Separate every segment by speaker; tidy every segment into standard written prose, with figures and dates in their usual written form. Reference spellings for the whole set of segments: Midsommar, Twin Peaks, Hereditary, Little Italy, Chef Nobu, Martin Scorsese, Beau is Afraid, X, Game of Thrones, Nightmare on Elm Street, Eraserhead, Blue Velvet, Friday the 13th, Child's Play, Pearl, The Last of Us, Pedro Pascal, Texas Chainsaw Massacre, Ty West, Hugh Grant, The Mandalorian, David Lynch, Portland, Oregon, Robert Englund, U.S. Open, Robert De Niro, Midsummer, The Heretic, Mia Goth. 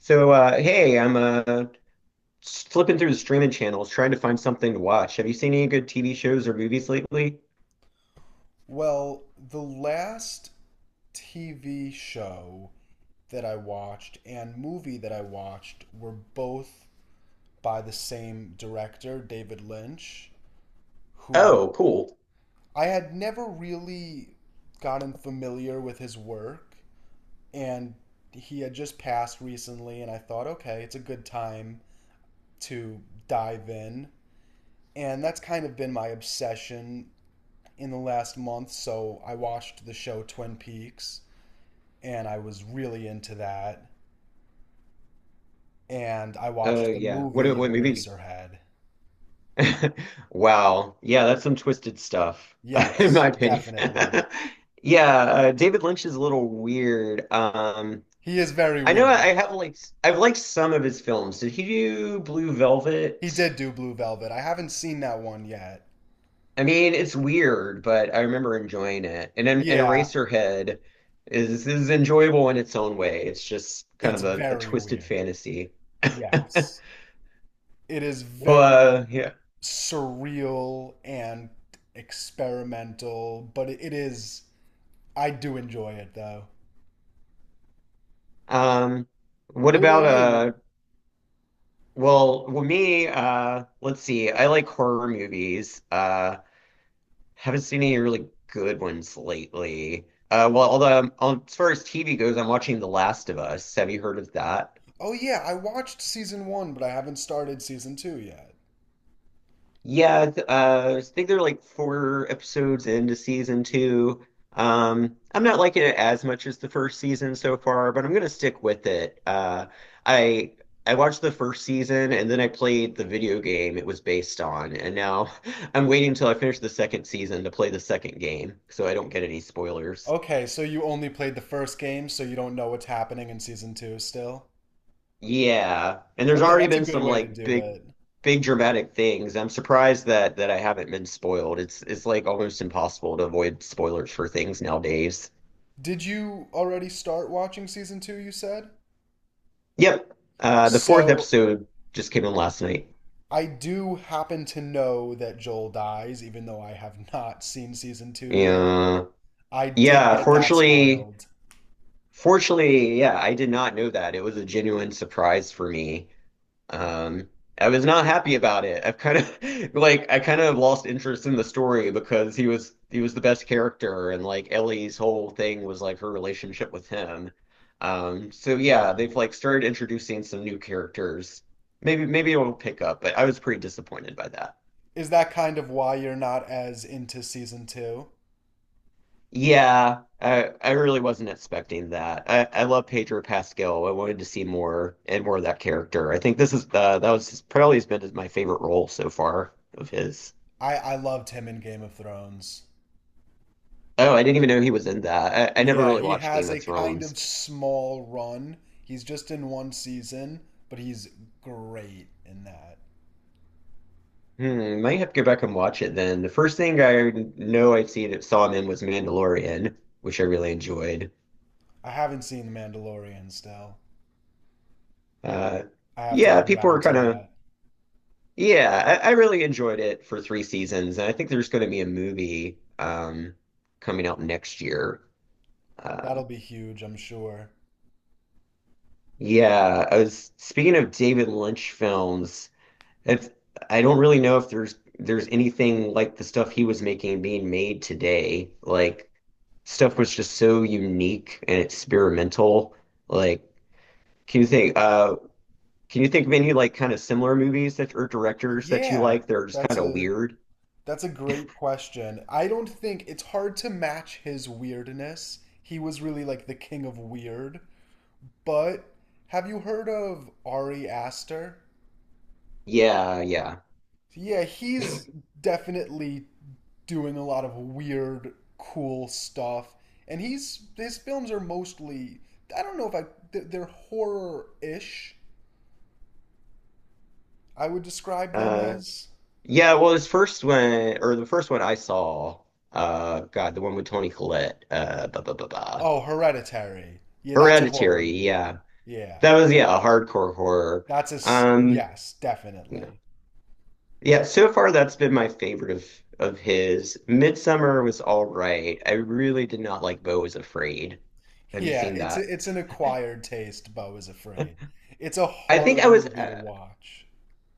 Speaker 1: So, hey, I'm flipping through the streaming channels trying to find something to watch. Have you seen any good TV shows or movies lately?
Speaker 2: Well, the last TV show that I watched and movie that I watched were both by the same director, David Lynch, who
Speaker 1: Oh, cool.
Speaker 2: I had never really gotten familiar with his work. And he had just passed recently, and I thought, okay, it's a good time to dive in. And that's kind of been my obsession in the last month. So I watched the show Twin Peaks and I was really into that. And I
Speaker 1: Uh,
Speaker 2: watched the
Speaker 1: yeah. What
Speaker 2: movie
Speaker 1: what movie?
Speaker 2: Eraserhead.
Speaker 1: Wow. Yeah, that's some twisted stuff, in my
Speaker 2: Yes,
Speaker 1: opinion.
Speaker 2: definitely.
Speaker 1: Yeah, David Lynch is a little weird.
Speaker 2: He is very
Speaker 1: I know
Speaker 2: weird.
Speaker 1: I've liked some of his films. Did he do Blue
Speaker 2: He
Speaker 1: Velvet?
Speaker 2: did do Blue Velvet. I haven't seen that one yet.
Speaker 1: I mean, it's weird, but I remember enjoying it. And
Speaker 2: Yeah,
Speaker 1: Eraserhead is enjoyable in its own way. It's just kind
Speaker 2: it's
Speaker 1: of a
Speaker 2: very
Speaker 1: twisted
Speaker 2: weird.
Speaker 1: fantasy.
Speaker 2: Yes. It is
Speaker 1: Well,
Speaker 2: very
Speaker 1: yeah.
Speaker 2: surreal and experimental, but it is. I do enjoy it though.
Speaker 1: Um, what
Speaker 2: What about
Speaker 1: about uh?
Speaker 2: you?
Speaker 1: Well, me. Let's see. I like horror movies. Haven't seen any really good ones lately. Well, although as far as TV goes, I'm watching The Last of Us. Have you heard of that?
Speaker 2: Oh, yeah, I watched season one, but I haven't started season two yet.
Speaker 1: Yeah, I think they're like four episodes into season two. I'm not liking it as much as the first season so far, but I'm gonna stick with it. I I watched the first season and then I played the video game it was based on, and now I'm waiting until I finish the second season to play the second game so I don't get any spoilers.
Speaker 2: Okay, so you only played the first game, so you don't know what's happening in season two still?
Speaker 1: Yeah. And there's
Speaker 2: Okay,
Speaker 1: already
Speaker 2: that's a
Speaker 1: been
Speaker 2: good
Speaker 1: some
Speaker 2: way to
Speaker 1: like
Speaker 2: do
Speaker 1: big
Speaker 2: it.
Speaker 1: big dramatic things. I'm surprised that I haven't been spoiled. It's like almost impossible to avoid spoilers for things nowadays.
Speaker 2: Did you already start watching season two, you said?
Speaker 1: Yep. The fourth
Speaker 2: So,
Speaker 1: episode just came in last night.
Speaker 2: I do happen to know that Joel dies, even though I have not seen season two yet.
Speaker 1: Yeah.
Speaker 2: I did
Speaker 1: Yeah,
Speaker 2: get that
Speaker 1: fortunately
Speaker 2: spoiled.
Speaker 1: fortunately, yeah, I did not know that. It was a genuine surprise for me. Um, I was not happy about it. I've kind of like I kind of lost interest in the story because he was the best character and like Ellie's whole thing was like her relationship with him. So
Speaker 2: Yeah.
Speaker 1: yeah, they've like started introducing some new characters. Maybe it'll pick up, but I was pretty disappointed by that.
Speaker 2: Is that kind of why you're not as into season two?
Speaker 1: Yeah, I really wasn't expecting that. I love Pedro Pascal. I wanted to see more and more of that character. I think this is that was probably has been my favorite role so far of his.
Speaker 2: I loved him in Game of Thrones.
Speaker 1: Oh, I didn't even know he was in that. I never
Speaker 2: Yeah,
Speaker 1: really
Speaker 2: he
Speaker 1: watched
Speaker 2: has
Speaker 1: Game
Speaker 2: a
Speaker 1: of
Speaker 2: kind
Speaker 1: Thrones.
Speaker 2: of small run. He's just in one season, but he's great in that.
Speaker 1: Hmm, might have to go back and watch it then. The first thing I know I see that saw him in was Mandalorian, which I really enjoyed.
Speaker 2: I haven't seen The Mandalorian still.
Speaker 1: Uh,
Speaker 2: I have to
Speaker 1: yeah,
Speaker 2: get
Speaker 1: people
Speaker 2: around
Speaker 1: were
Speaker 2: to
Speaker 1: kind of
Speaker 2: that.
Speaker 1: yeah. I really enjoyed it for three seasons, and I think there's going to be a movie coming out next year. Uh,
Speaker 2: That'll be huge, I'm sure.
Speaker 1: yeah, I was speaking of David Lynch films. It's, I don't really know if there's anything like the stuff he was making being made today. Like stuff was just so unique and experimental. Like, can you think uh can you think of any like kind of similar movies that or directors that you
Speaker 2: Yeah,
Speaker 1: like that are just
Speaker 2: that's
Speaker 1: kind of
Speaker 2: a
Speaker 1: weird?
Speaker 2: that's a great question. I don't think it's hard to match his weirdness. He was really like the king of weird. But have you heard of Ari Aster?
Speaker 1: Yeah, yeah.
Speaker 2: So, yeah, he's definitely doing a lot of weird, cool stuff, and he's his films are mostly, I don't know if I they're horror-ish, I would describe them
Speaker 1: Uh
Speaker 2: as.
Speaker 1: yeah, well his first one or the first one I saw, God, the one with Toni Collette, blah blah blah blah.
Speaker 2: Oh, Hereditary. Yeah, that's a horror
Speaker 1: Hereditary,
Speaker 2: movie.
Speaker 1: yeah.
Speaker 2: Yeah,
Speaker 1: That was yeah, a hardcore horror. Um
Speaker 2: yes,
Speaker 1: Yeah.
Speaker 2: definitely.
Speaker 1: Yeah, so far that's been my favorite of his. Midsummer was all right. I really did not like Beau is Afraid. Have you
Speaker 2: Yeah,
Speaker 1: seen that?
Speaker 2: it's an acquired taste. Bo is afraid. It's a
Speaker 1: I think
Speaker 2: hard movie to watch.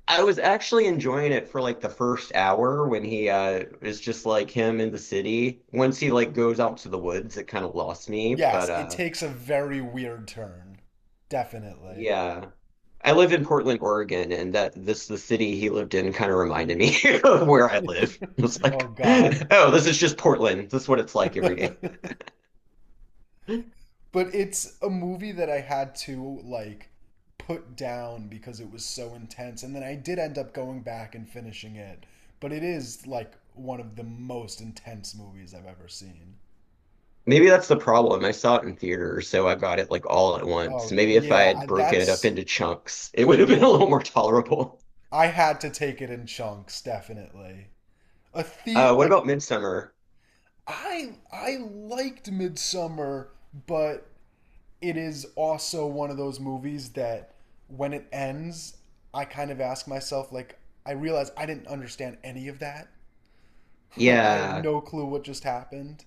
Speaker 1: I was actually enjoying it for like the first hour when he is just like him in the city. Once he like goes out to the woods, it kind of lost me,
Speaker 2: Yes,
Speaker 1: but
Speaker 2: it takes a very weird turn. Definitely.
Speaker 1: yeah. I live in Portland, Oregon, and that this the city he lived in kind of reminded me of where I live. It was
Speaker 2: Oh
Speaker 1: like,
Speaker 2: God.
Speaker 1: oh, this is just Portland. This is what it's like every day.
Speaker 2: But it's a movie that I had to like put down because it was so intense, and then I did end up going back and finishing it. But it is like one of the most intense movies I've ever seen.
Speaker 1: Maybe that's the problem. I saw it in theater, so I got it like all at once.
Speaker 2: Oh
Speaker 1: Maybe if I
Speaker 2: yeah,
Speaker 1: had broken it up
Speaker 2: that's
Speaker 1: into chunks, it would have been
Speaker 2: yeah.
Speaker 1: a little more tolerable.
Speaker 2: I had to take it in chunks, definitely. A the
Speaker 1: What
Speaker 2: like
Speaker 1: about Midsummer?
Speaker 2: I liked Midsummer, but it is also one of those movies that when it ends, I kind of ask myself, like, I realize I didn't understand any of that. Like, I have
Speaker 1: Yeah.
Speaker 2: no clue what just happened.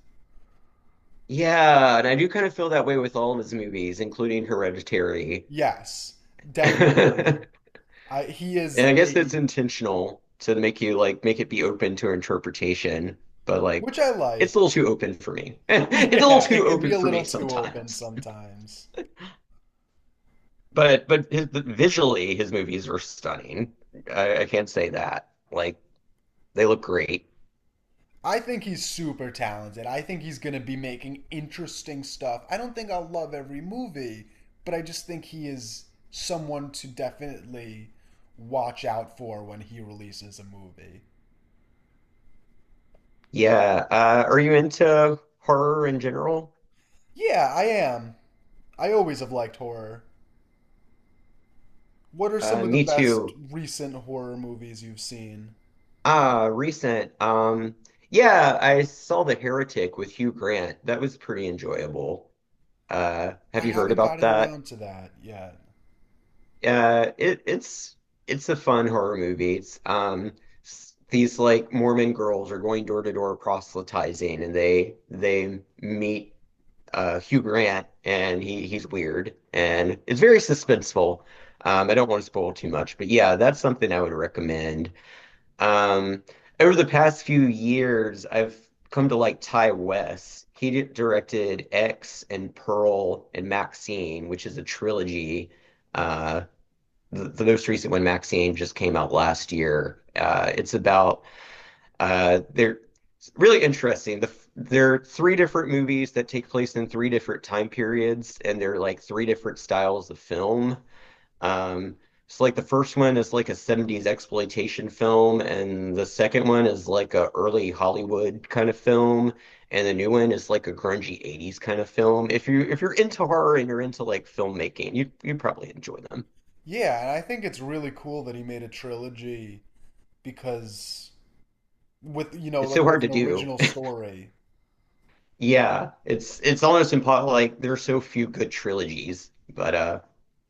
Speaker 1: Yeah, and I do kind of feel that way with all of his movies, including Hereditary.
Speaker 2: Yes, definitely. I he
Speaker 1: And
Speaker 2: is
Speaker 1: I guess that's
Speaker 2: a
Speaker 1: intentional to make you like make it be open to interpretation, but like
Speaker 2: which I
Speaker 1: it's
Speaker 2: like.
Speaker 1: a little too open for me. It's a little
Speaker 2: Yeah, it
Speaker 1: too
Speaker 2: could be
Speaker 1: open
Speaker 2: a
Speaker 1: for
Speaker 2: little
Speaker 1: me
Speaker 2: too open
Speaker 1: sometimes.
Speaker 2: sometimes.
Speaker 1: But visually, his movies are stunning. I can't say that. Like they look great.
Speaker 2: I think he's super talented. I think he's going to be making interesting stuff. I don't think I'll love every movie, but I just think he is someone to definitely watch out for when he releases a movie.
Speaker 1: Yeah. Are you into horror in general?
Speaker 2: Yeah, I am. I always have liked horror. What are
Speaker 1: Uh,
Speaker 2: some of the
Speaker 1: me
Speaker 2: best
Speaker 1: too.
Speaker 2: recent horror movies you've seen?
Speaker 1: Recent. Yeah, I saw The Heretic with Hugh Grant. That was pretty enjoyable. Uh,
Speaker 2: I
Speaker 1: have you heard
Speaker 2: haven't
Speaker 1: about
Speaker 2: gotten
Speaker 1: that?
Speaker 2: around to that yet.
Speaker 1: Uh, it it's it's a fun horror movie. It's these like Mormon girls are going door to door proselytizing, and they meet Hugh Grant, and he's weird and it's very suspenseful. I don't want to spoil too much, but yeah, that's something I would recommend. Um, over the past few years, I've come to like Ty West. He directed X and Pearl and Maxine, which is a trilogy. Uh, the most recent one, Maxine, just came out last year. It's about They're really interesting. There are three different movies that take place in three different time periods, and they're like three different styles of film. Um, so like the first one is like a 70s exploitation film, and the second one is like a early Hollywood kind of film, and the new one is like a grungy 80s kind of film. If you're into horror and you're into like filmmaking, you probably enjoy them.
Speaker 2: Yeah, and I think it's really cool that he made a trilogy because with you know
Speaker 1: It's so
Speaker 2: like
Speaker 1: hard
Speaker 2: with
Speaker 1: to
Speaker 2: an
Speaker 1: do.
Speaker 2: original story.
Speaker 1: Yeah, it's almost impossible. Like there are so few good trilogies, but uh,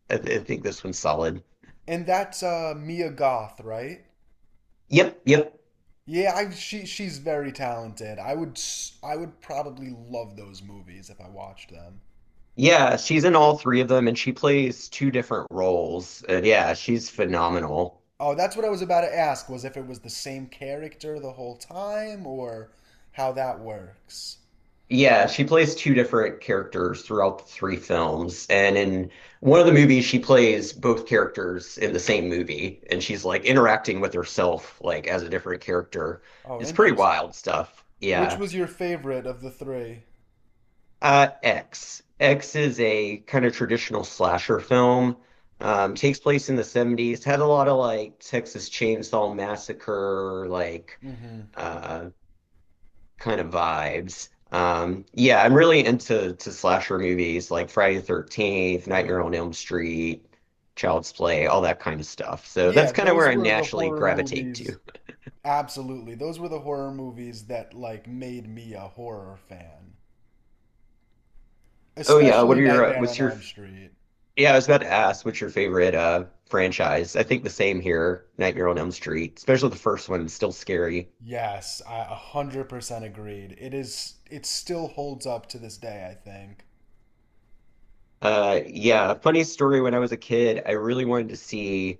Speaker 1: I, th- I think this one's solid.
Speaker 2: And that's Mia Goth, right?
Speaker 1: Yep, yep.
Speaker 2: Yeah, she's very talented. I would probably love those movies if I watched them.
Speaker 1: Yeah, she's in all three of them, and she plays two different roles. And yeah, she's phenomenal.
Speaker 2: Oh, that's what I was about to ask was if it was the same character the whole time or how that works.
Speaker 1: Yeah, she plays two different characters throughout the three films, and in one of the movies, she plays both characters in the same movie, and she's like interacting with herself like as a different character.
Speaker 2: Oh,
Speaker 1: It's pretty
Speaker 2: interesting.
Speaker 1: wild stuff.
Speaker 2: Which
Speaker 1: Yeah.
Speaker 2: was your favorite of the three?
Speaker 1: X. X is a kind of traditional slasher film. Takes place in the 70s. Had a lot of like Texas Chainsaw Massacre, like
Speaker 2: Mm-hmm.
Speaker 1: uh, kind of vibes. Yeah, I'm really into to slasher movies like Friday the 13th,
Speaker 2: Oh
Speaker 1: Nightmare
Speaker 2: yeah.
Speaker 1: on Elm Street, Child's Play, all that kind of stuff. So that's
Speaker 2: Yeah,
Speaker 1: kind of where
Speaker 2: those
Speaker 1: I
Speaker 2: were the
Speaker 1: naturally
Speaker 2: horror
Speaker 1: gravitate to.
Speaker 2: movies. Absolutely. Those were the horror movies that like made me a horror fan.
Speaker 1: Oh yeah, what
Speaker 2: Especially
Speaker 1: are your
Speaker 2: Nightmare on
Speaker 1: what's your
Speaker 2: Elm Street.
Speaker 1: yeah, I was about to ask, what's your favorite franchise? I think the same here, Nightmare on Elm Street, especially the first one, still scary.
Speaker 2: Yes, I 100% agreed. It still holds up to this day, I think.
Speaker 1: Yeah, funny story. When I was a kid, I really wanted to see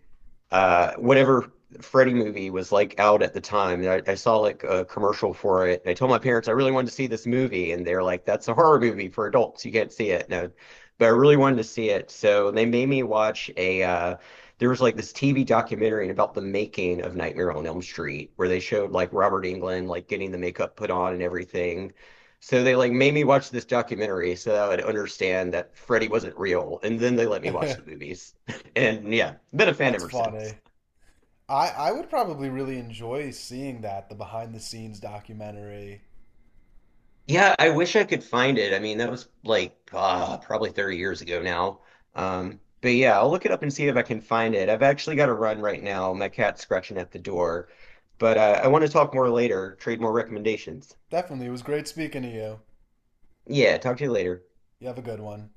Speaker 1: whatever Freddy movie was like out at the time. And I saw like a commercial for it, and I told my parents I really wanted to see this movie, and they're like, "That's a horror movie for adults. You can't see it." No, but I really wanted to see it, so they made me watch a. There was like this TV documentary about the making of Nightmare on Elm Street, where they showed like Robert Englund like getting the makeup put on and everything. So they like made me watch this documentary so that I would understand that Freddy wasn't real, and then they let me watch the movies. And yeah, been a fan
Speaker 2: That's
Speaker 1: ever since.
Speaker 2: funny. I would probably really enjoy seeing that, the behind the scenes documentary.
Speaker 1: Yeah, I wish I could find it. I mean, that was like probably 30 years ago now. But yeah, I'll look it up and see if I can find it. I've actually got to run right now. My cat's scratching at the door. But I want to talk more later, trade more recommendations.
Speaker 2: Definitely, it was great speaking to you.
Speaker 1: Yeah, talk to you later.
Speaker 2: You have a good one.